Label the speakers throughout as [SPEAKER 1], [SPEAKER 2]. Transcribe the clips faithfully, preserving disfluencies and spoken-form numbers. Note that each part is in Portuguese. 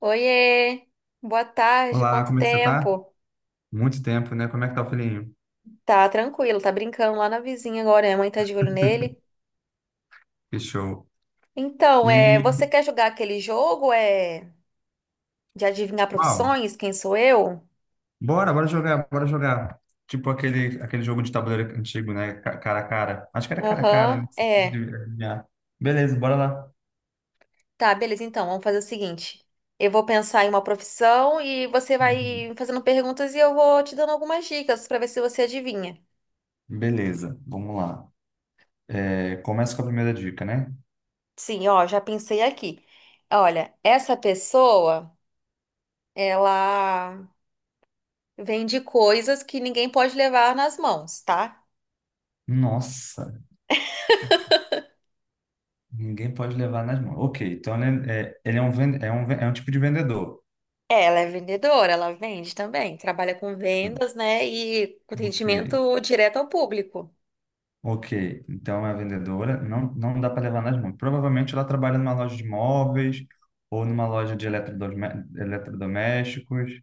[SPEAKER 1] Oiê, boa tarde,
[SPEAKER 2] Olá,
[SPEAKER 1] quanto
[SPEAKER 2] como é que você tá?
[SPEAKER 1] tempo?
[SPEAKER 2] Muito tempo, né? Como é que tá o filhinho?
[SPEAKER 1] Tá tranquilo, tá brincando lá na vizinha agora, minha mãe tá de olho nele.
[SPEAKER 2] Que show.
[SPEAKER 1] Então, é,
[SPEAKER 2] E,
[SPEAKER 1] você quer jogar aquele jogo, é, de adivinhar
[SPEAKER 2] uau,
[SPEAKER 1] profissões, quem sou eu?
[SPEAKER 2] bora, bora jogar, bora jogar. Tipo aquele, aquele jogo de tabuleiro antigo, né? Ca- Cara a cara. Acho que era cara a cara,
[SPEAKER 1] Aham,
[SPEAKER 2] né? Você
[SPEAKER 1] é.
[SPEAKER 2] adivinhar. Beleza, bora lá.
[SPEAKER 1] Tá, beleza, então, vamos fazer o seguinte. Eu vou pensar em uma profissão e você
[SPEAKER 2] Uhum.
[SPEAKER 1] vai fazendo perguntas e eu vou te dando algumas dicas pra ver se você adivinha.
[SPEAKER 2] Beleza, vamos lá. É, começa com a primeira dica, né?
[SPEAKER 1] Sim, ó, já pensei aqui. Olha, essa pessoa, ela Vende coisas que ninguém pode levar nas mãos, tá?
[SPEAKER 2] Nossa, ninguém pode levar nas mãos. Ok, então ele é, é- ele é um, ven- é um, ven- é um tipo de vendedor.
[SPEAKER 1] É, ela é vendedora, ela vende também, trabalha com vendas, né? E com
[SPEAKER 2] Ok.
[SPEAKER 1] atendimento direto ao público.
[SPEAKER 2] Ok, então é a vendedora, não, não dá para levar nas mãos. Provavelmente ela trabalha numa loja de móveis, ou numa loja de eletrodome- eletrodomésticos,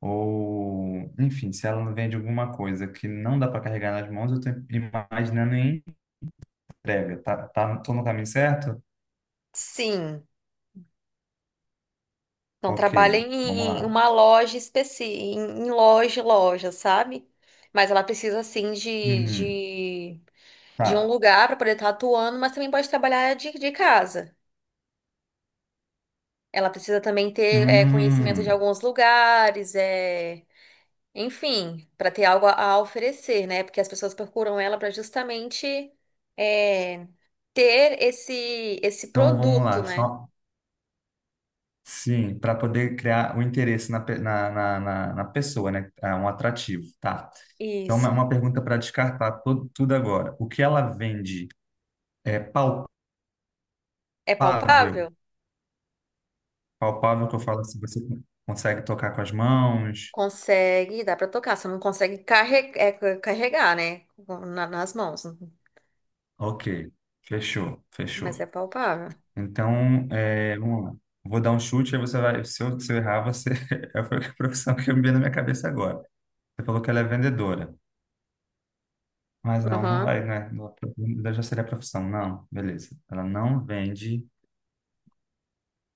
[SPEAKER 2] ou, enfim, se ela não vende alguma coisa que não dá para carregar nas mãos, eu estou imaginando em entrega. Tá, tá, tô no caminho certo?
[SPEAKER 1] Sim, não
[SPEAKER 2] Ok,
[SPEAKER 1] trabalha
[SPEAKER 2] vamos
[SPEAKER 1] em em
[SPEAKER 2] lá.
[SPEAKER 1] uma loja específica, em em loja, loja, sabe? Mas ela precisa, assim, de,
[SPEAKER 2] Uhum,
[SPEAKER 1] de, de um
[SPEAKER 2] tá.
[SPEAKER 1] lugar para poder estar atuando, mas também pode trabalhar de, de casa. Ela precisa também ter é, conhecimento de
[SPEAKER 2] Hum,
[SPEAKER 1] alguns lugares, é. Enfim, para ter algo a a oferecer, né? Porque as pessoas procuram ela para justamente é, ter esse esse
[SPEAKER 2] então vamos
[SPEAKER 1] produto,
[SPEAKER 2] lá.
[SPEAKER 1] né?
[SPEAKER 2] Sim, para poder criar o interesse na, pe- na, na, na, na pessoa, né? É um atrativo, tá? Então, uma
[SPEAKER 1] Isso.
[SPEAKER 2] uma pergunta para descartar to- tudo agora. O que ela vende é palpável?
[SPEAKER 1] É palpável?
[SPEAKER 2] Palpável que eu falo assim, você consegue tocar com as mãos?
[SPEAKER 1] Consegue, dá para tocar. Você não consegue carre- é, ca- carregar, né? Na- nas mãos,
[SPEAKER 2] Ok, fechou,
[SPEAKER 1] mas
[SPEAKER 2] fechou.
[SPEAKER 1] é palpável.
[SPEAKER 2] Então, é, vamos lá. Vou dar um chute, aí você vai. Se eu, se eu errar, você. É a profissão que eu me veio na minha cabeça agora. Você falou que ela é vendedora. Mas não, não
[SPEAKER 1] Aham.
[SPEAKER 2] vai, né? Não, já seria a profissão. Não, beleza. Ela não vende.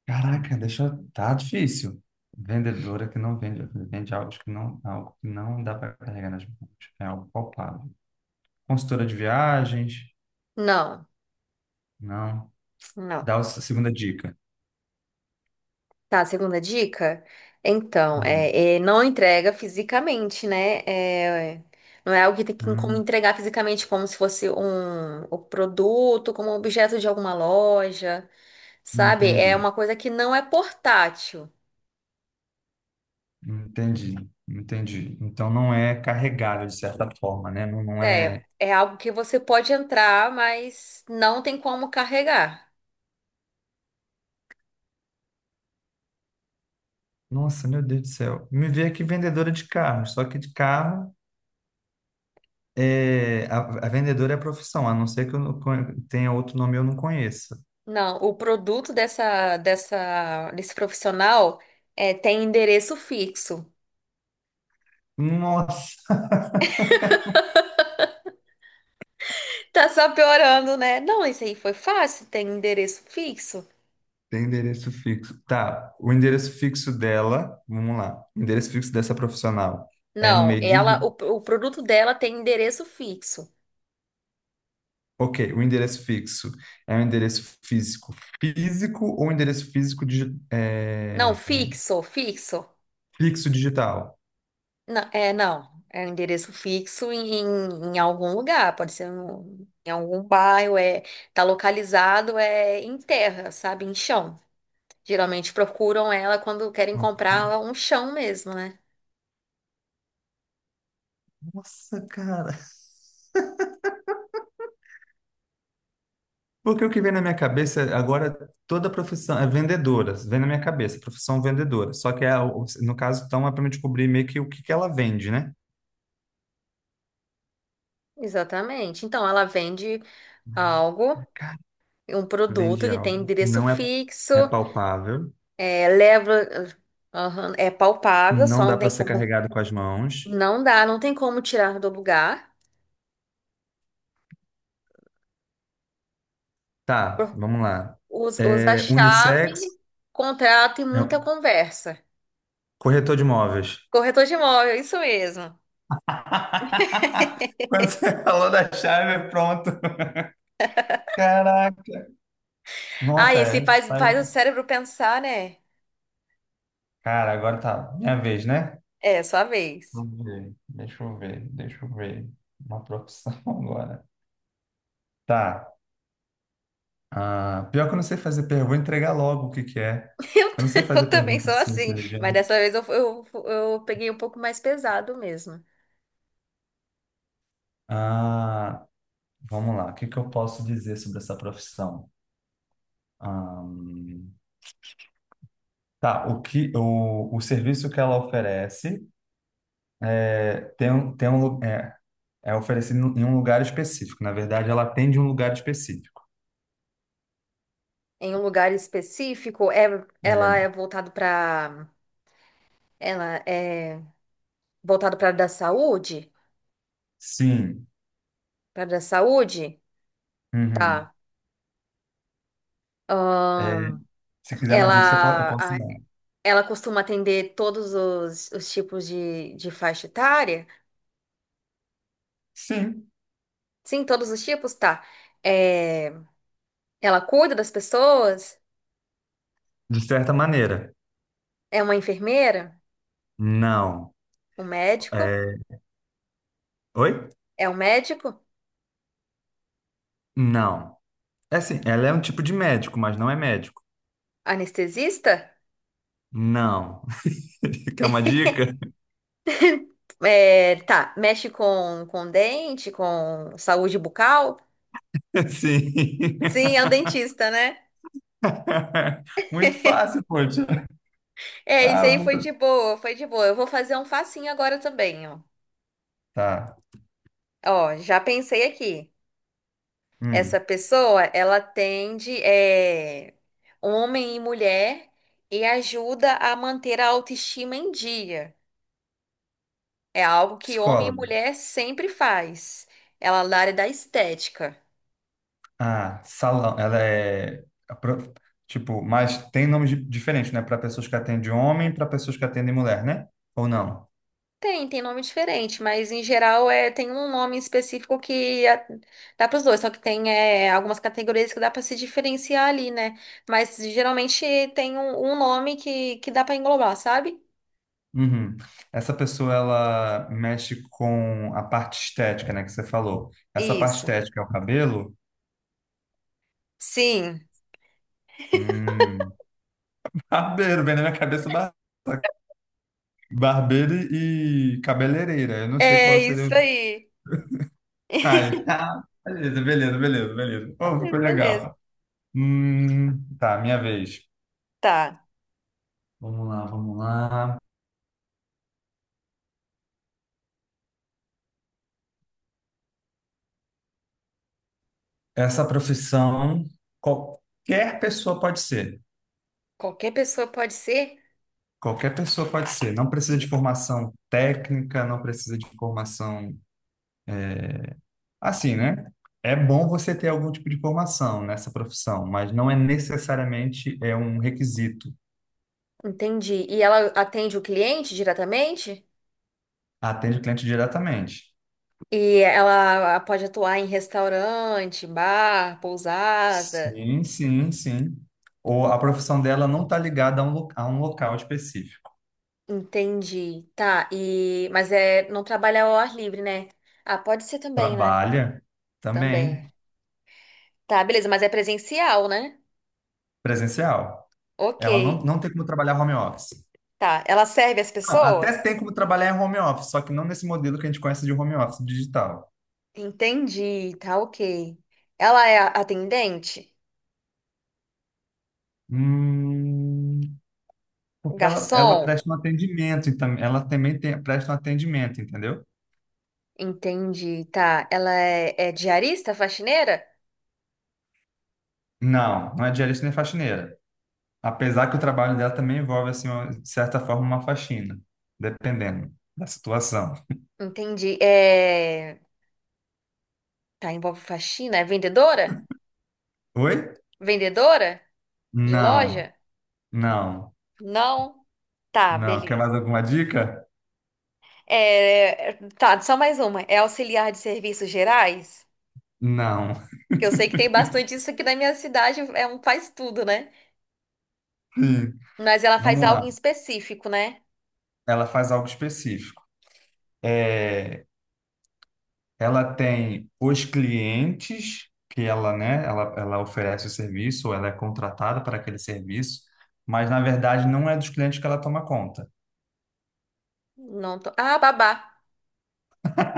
[SPEAKER 2] Caraca, deixa eu... Tá difícil. Vendedora que não vende, vende algo que não, algo que não dá para carregar nas mãos. É algo palpável. Consultora de viagens?
[SPEAKER 1] Não,
[SPEAKER 2] Não.
[SPEAKER 1] não.
[SPEAKER 2] Dá a segunda dica.
[SPEAKER 1] Tá, segunda dica? Então,
[SPEAKER 2] Uhum.
[SPEAKER 1] é, é, não entrega fisicamente, né? É, não é algo que tem que como
[SPEAKER 2] Hum,
[SPEAKER 1] entregar fisicamente, como se fosse um, o produto, como objeto de alguma loja, sabe? É
[SPEAKER 2] entendi.
[SPEAKER 1] uma coisa que não é portátil.
[SPEAKER 2] Entendi. Entendi. Então não é carregável de certa forma, né? Não, não é.
[SPEAKER 1] É, é algo que você pode entrar, mas não tem como carregar.
[SPEAKER 2] Nossa, meu Deus do céu. Me veio aqui vendedora de carro, só que de carro. É, a, a vendedora é a profissão, a não ser que eu não conhe- tenha outro nome e eu não conheça.
[SPEAKER 1] Não, o produto dessa, dessa, desse profissional é, tem endereço fixo.
[SPEAKER 2] Nossa,
[SPEAKER 1] Tá só piorando, né? Não, isso aí foi fácil, tem endereço fixo?
[SPEAKER 2] tem endereço fixo. Tá, o endereço fixo dela, vamos lá. O endereço fixo dessa profissional é no
[SPEAKER 1] Não,
[SPEAKER 2] meio de.
[SPEAKER 1] ela, o, o produto dela tem endereço fixo.
[SPEAKER 2] Ok, o endereço fixo é um endereço físico físico ou endereço físico digi-
[SPEAKER 1] Não,
[SPEAKER 2] é,
[SPEAKER 1] fixo, fixo.
[SPEAKER 2] fixo digital?
[SPEAKER 1] Não, é, não. É um endereço fixo em, em algum lugar, pode ser um- em algum bairro, é, tá localizado é em terra, sabe? Em chão. Geralmente procuram ela quando querem
[SPEAKER 2] Ok.
[SPEAKER 1] comprar um chão mesmo, né?
[SPEAKER 2] Nossa, cara. Porque o que vem na minha cabeça é, agora, toda profissão é vendedora, vem na minha cabeça, profissão vendedora. Só que é, o- no caso, então, é para me descobrir meio que o que que ela vende, né?
[SPEAKER 1] Exatamente. Então, ela vende algo,
[SPEAKER 2] Cara,
[SPEAKER 1] um produto
[SPEAKER 2] vende
[SPEAKER 1] que tem
[SPEAKER 2] algo.
[SPEAKER 1] endereço
[SPEAKER 2] Não é,
[SPEAKER 1] fixo.
[SPEAKER 2] é palpável,
[SPEAKER 1] É, leva, aham, é palpável, só
[SPEAKER 2] não dá
[SPEAKER 1] não
[SPEAKER 2] para
[SPEAKER 1] tem
[SPEAKER 2] ser
[SPEAKER 1] como,
[SPEAKER 2] carregado com as mãos.
[SPEAKER 1] não dá, não tem como tirar do lugar.
[SPEAKER 2] Tá, vamos lá.
[SPEAKER 1] Usa, usa a
[SPEAKER 2] É,
[SPEAKER 1] chave,
[SPEAKER 2] unissex,
[SPEAKER 1] contrato e muita
[SPEAKER 2] é,
[SPEAKER 1] conversa.
[SPEAKER 2] corretor de imóveis.
[SPEAKER 1] Corretor de imóvel, isso mesmo.
[SPEAKER 2] Quando você falou da chave, pronto. Caraca.
[SPEAKER 1] Ah,
[SPEAKER 2] Nossa,
[SPEAKER 1] esse
[SPEAKER 2] é.
[SPEAKER 1] faz,
[SPEAKER 2] Tá.
[SPEAKER 1] faz o cérebro pensar, né?
[SPEAKER 2] Cara, agora tá minha vez, né?
[SPEAKER 1] É, sua vez.
[SPEAKER 2] Vamos ver. Deixa eu ver, deixa eu ver. Uma profissão agora. Tá. Ah, pior que eu não sei fazer pergunta, vou entregar logo o que que é.
[SPEAKER 1] Eu,
[SPEAKER 2] Eu
[SPEAKER 1] t-
[SPEAKER 2] não sei fazer
[SPEAKER 1] eu também
[SPEAKER 2] pergunta
[SPEAKER 1] sou
[SPEAKER 2] assim,
[SPEAKER 1] assim, mas
[SPEAKER 2] inteligente.
[SPEAKER 1] dessa vez eu, eu, eu peguei um pouco mais pesado mesmo.
[SPEAKER 2] Ah, vamos lá. O que que eu posso dizer sobre essa profissão? Ahn, tá, o que o, o serviço que ela oferece é tem, um- tem um, lu- é, é oferecido em um lugar específico. Na verdade, ela atende um lugar específico.
[SPEAKER 1] Em um lugar específico, é, ela é
[SPEAKER 2] É.
[SPEAKER 1] voltado para, ela é voltado para da saúde,
[SPEAKER 2] Sim.
[SPEAKER 1] para da saúde.
[SPEAKER 2] Uhum.
[SPEAKER 1] Tá.
[SPEAKER 2] É,
[SPEAKER 1] Ahn,
[SPEAKER 2] se quiser mais dicas, você po- eu
[SPEAKER 1] ela,
[SPEAKER 2] posso
[SPEAKER 1] a-
[SPEAKER 2] dar.
[SPEAKER 1] ela costuma atender todos os, os tipos de, de faixa etária?
[SPEAKER 2] Sim.
[SPEAKER 1] Sim, todos os tipos, tá. É, ela cuida das pessoas?
[SPEAKER 2] De certa maneira,
[SPEAKER 1] É uma enfermeira?
[SPEAKER 2] não.
[SPEAKER 1] Um médico?
[SPEAKER 2] É. Oi?
[SPEAKER 1] É um médico?
[SPEAKER 2] Não. É assim, ela é um tipo de médico, mas não é médico.
[SPEAKER 1] Anestesista?
[SPEAKER 2] Não. Quer uma dica?
[SPEAKER 1] É, tá, mexe com, com dente, com saúde bucal?
[SPEAKER 2] Sim.
[SPEAKER 1] Sim, é um dentista, né?
[SPEAKER 2] Muito fácil, poxa.
[SPEAKER 1] É, isso
[SPEAKER 2] Ah,
[SPEAKER 1] aí foi
[SPEAKER 2] vou-
[SPEAKER 1] de boa, foi de boa. Eu vou fazer um facinho agora também, ó.
[SPEAKER 2] tá.
[SPEAKER 1] Ó, já pensei aqui. Essa
[SPEAKER 2] Hum.
[SPEAKER 1] pessoa, ela atende é, homem e mulher e ajuda a manter a autoestima em dia. É algo que homem e
[SPEAKER 2] Psicóloga.
[SPEAKER 1] mulher sempre faz. Ela é da área da estética.
[SPEAKER 2] Ah, salão. Ela é. A pro- Tipo, mas tem nomes di- diferentes, né? Para pessoas que atendem homem, para pessoas que atendem mulher, né? Ou não?
[SPEAKER 1] Tem, tem nome diferente, mas em geral é, tem um nome específico que a- dá para os dois, só que tem é, algumas categorias que dá para se diferenciar ali, né? Mas geralmente tem um, um nome que, que dá para englobar, sabe?
[SPEAKER 2] Uhum. Essa pessoa, ela mexe com a parte estética, né, que você falou. Essa parte
[SPEAKER 1] Isso.
[SPEAKER 2] estética é o cabelo?
[SPEAKER 1] Sim,
[SPEAKER 2] Hum. Barbeiro, vem na minha cabeça bar- barbeiro e cabeleireira. Eu não sei
[SPEAKER 1] é
[SPEAKER 2] qual seria
[SPEAKER 1] isso
[SPEAKER 2] o...
[SPEAKER 1] aí.
[SPEAKER 2] Ai, ah, beleza, beleza, beleza, beleza. Oh, ficou
[SPEAKER 1] Beleza.
[SPEAKER 2] legal. Hum, tá, minha vez.
[SPEAKER 1] Tá.
[SPEAKER 2] Vamos lá, vamos lá. Essa profissão, qualquer pessoa pode ser.
[SPEAKER 1] Qualquer pessoa pode ser?
[SPEAKER 2] Qualquer pessoa pode ser. Não precisa de
[SPEAKER 1] E-
[SPEAKER 2] formação técnica, não precisa de formação. Assim, né? É bom você ter algum tipo de formação nessa profissão, mas não é necessariamente é um requisito.
[SPEAKER 1] Entendi. E ela atende o cliente diretamente?
[SPEAKER 2] Atende o cliente diretamente.
[SPEAKER 1] E ela pode atuar em restaurante, bar, pousada.
[SPEAKER 2] Sim, sim, sim. Ou a profissão dela não está ligada a um, lo- a um local específico.
[SPEAKER 1] Entendi. Tá. E mas é não trabalha ao ar livre, né? Ah, pode ser também, né?
[SPEAKER 2] Trabalha também
[SPEAKER 1] Também. Tá, beleza, mas é presencial, né?
[SPEAKER 2] presencial. Ela não,
[SPEAKER 1] OK.
[SPEAKER 2] não tem como trabalhar home office.
[SPEAKER 1] Tá. Ela serve as
[SPEAKER 2] Não, até
[SPEAKER 1] pessoas?
[SPEAKER 2] tem como trabalhar em home office, só que não nesse modelo que a gente conhece de home office digital.
[SPEAKER 1] Entendi. Tá, OK. Ela é a- atendente?
[SPEAKER 2] Hum, Porque ela, ela
[SPEAKER 1] Garçom?
[SPEAKER 2] presta um atendimento, então ela também tem, presta um atendimento, entendeu?
[SPEAKER 1] Entendi, tá. Ela é, é diarista, faxineira?
[SPEAKER 2] Não, não é diarista nem faxineira. Apesar que o trabalho dela também envolve, assim, uma- de certa forma, uma faxina, dependendo da situação.
[SPEAKER 1] Entendi. É... Tá, envolve faxina? É vendedora?
[SPEAKER 2] Oi?
[SPEAKER 1] Vendedora de
[SPEAKER 2] Não,
[SPEAKER 1] loja?
[SPEAKER 2] não,
[SPEAKER 1] Não. Tá,
[SPEAKER 2] não. Quer mais
[SPEAKER 1] beleza.
[SPEAKER 2] alguma dica?
[SPEAKER 1] É... é, Tá, só mais uma. É auxiliar de serviços gerais?
[SPEAKER 2] Não.
[SPEAKER 1] Que eu sei que tem bastante isso aqui na minha cidade, é um faz tudo, né?
[SPEAKER 2] Sim.
[SPEAKER 1] Mas ela faz
[SPEAKER 2] Vamos
[SPEAKER 1] algo
[SPEAKER 2] lá.
[SPEAKER 1] em específico, né?
[SPEAKER 2] Ela faz algo específico. Ela tem os clientes que ela, né, ela, ela oferece o serviço, ou ela é contratada para aquele serviço, mas na verdade não é dos clientes que ela toma conta.
[SPEAKER 1] Não tô... Ah, babá.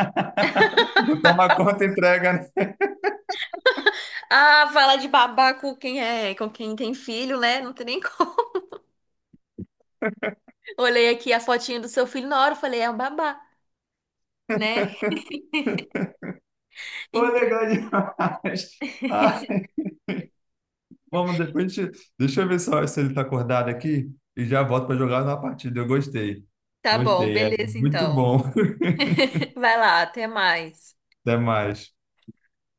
[SPEAKER 2] O toma conta entrega, né?
[SPEAKER 1] Ah, fala de babá com quem é, com quem tem filho, né? Não tem nem como. Olhei aqui a fotinha do seu filho na hora, eu falei, é um babá, né?
[SPEAKER 2] Pô,
[SPEAKER 1] Entendi.
[SPEAKER 2] legal demais. Ai, vamos depois, a deixa eu ver só se ele tá acordado aqui e já volto para jogar na partida. Eu gostei.
[SPEAKER 1] Tá bom,
[SPEAKER 2] Gostei, é
[SPEAKER 1] beleza
[SPEAKER 2] muito
[SPEAKER 1] então.
[SPEAKER 2] bom.
[SPEAKER 1] Vai lá, até mais.
[SPEAKER 2] Até mais.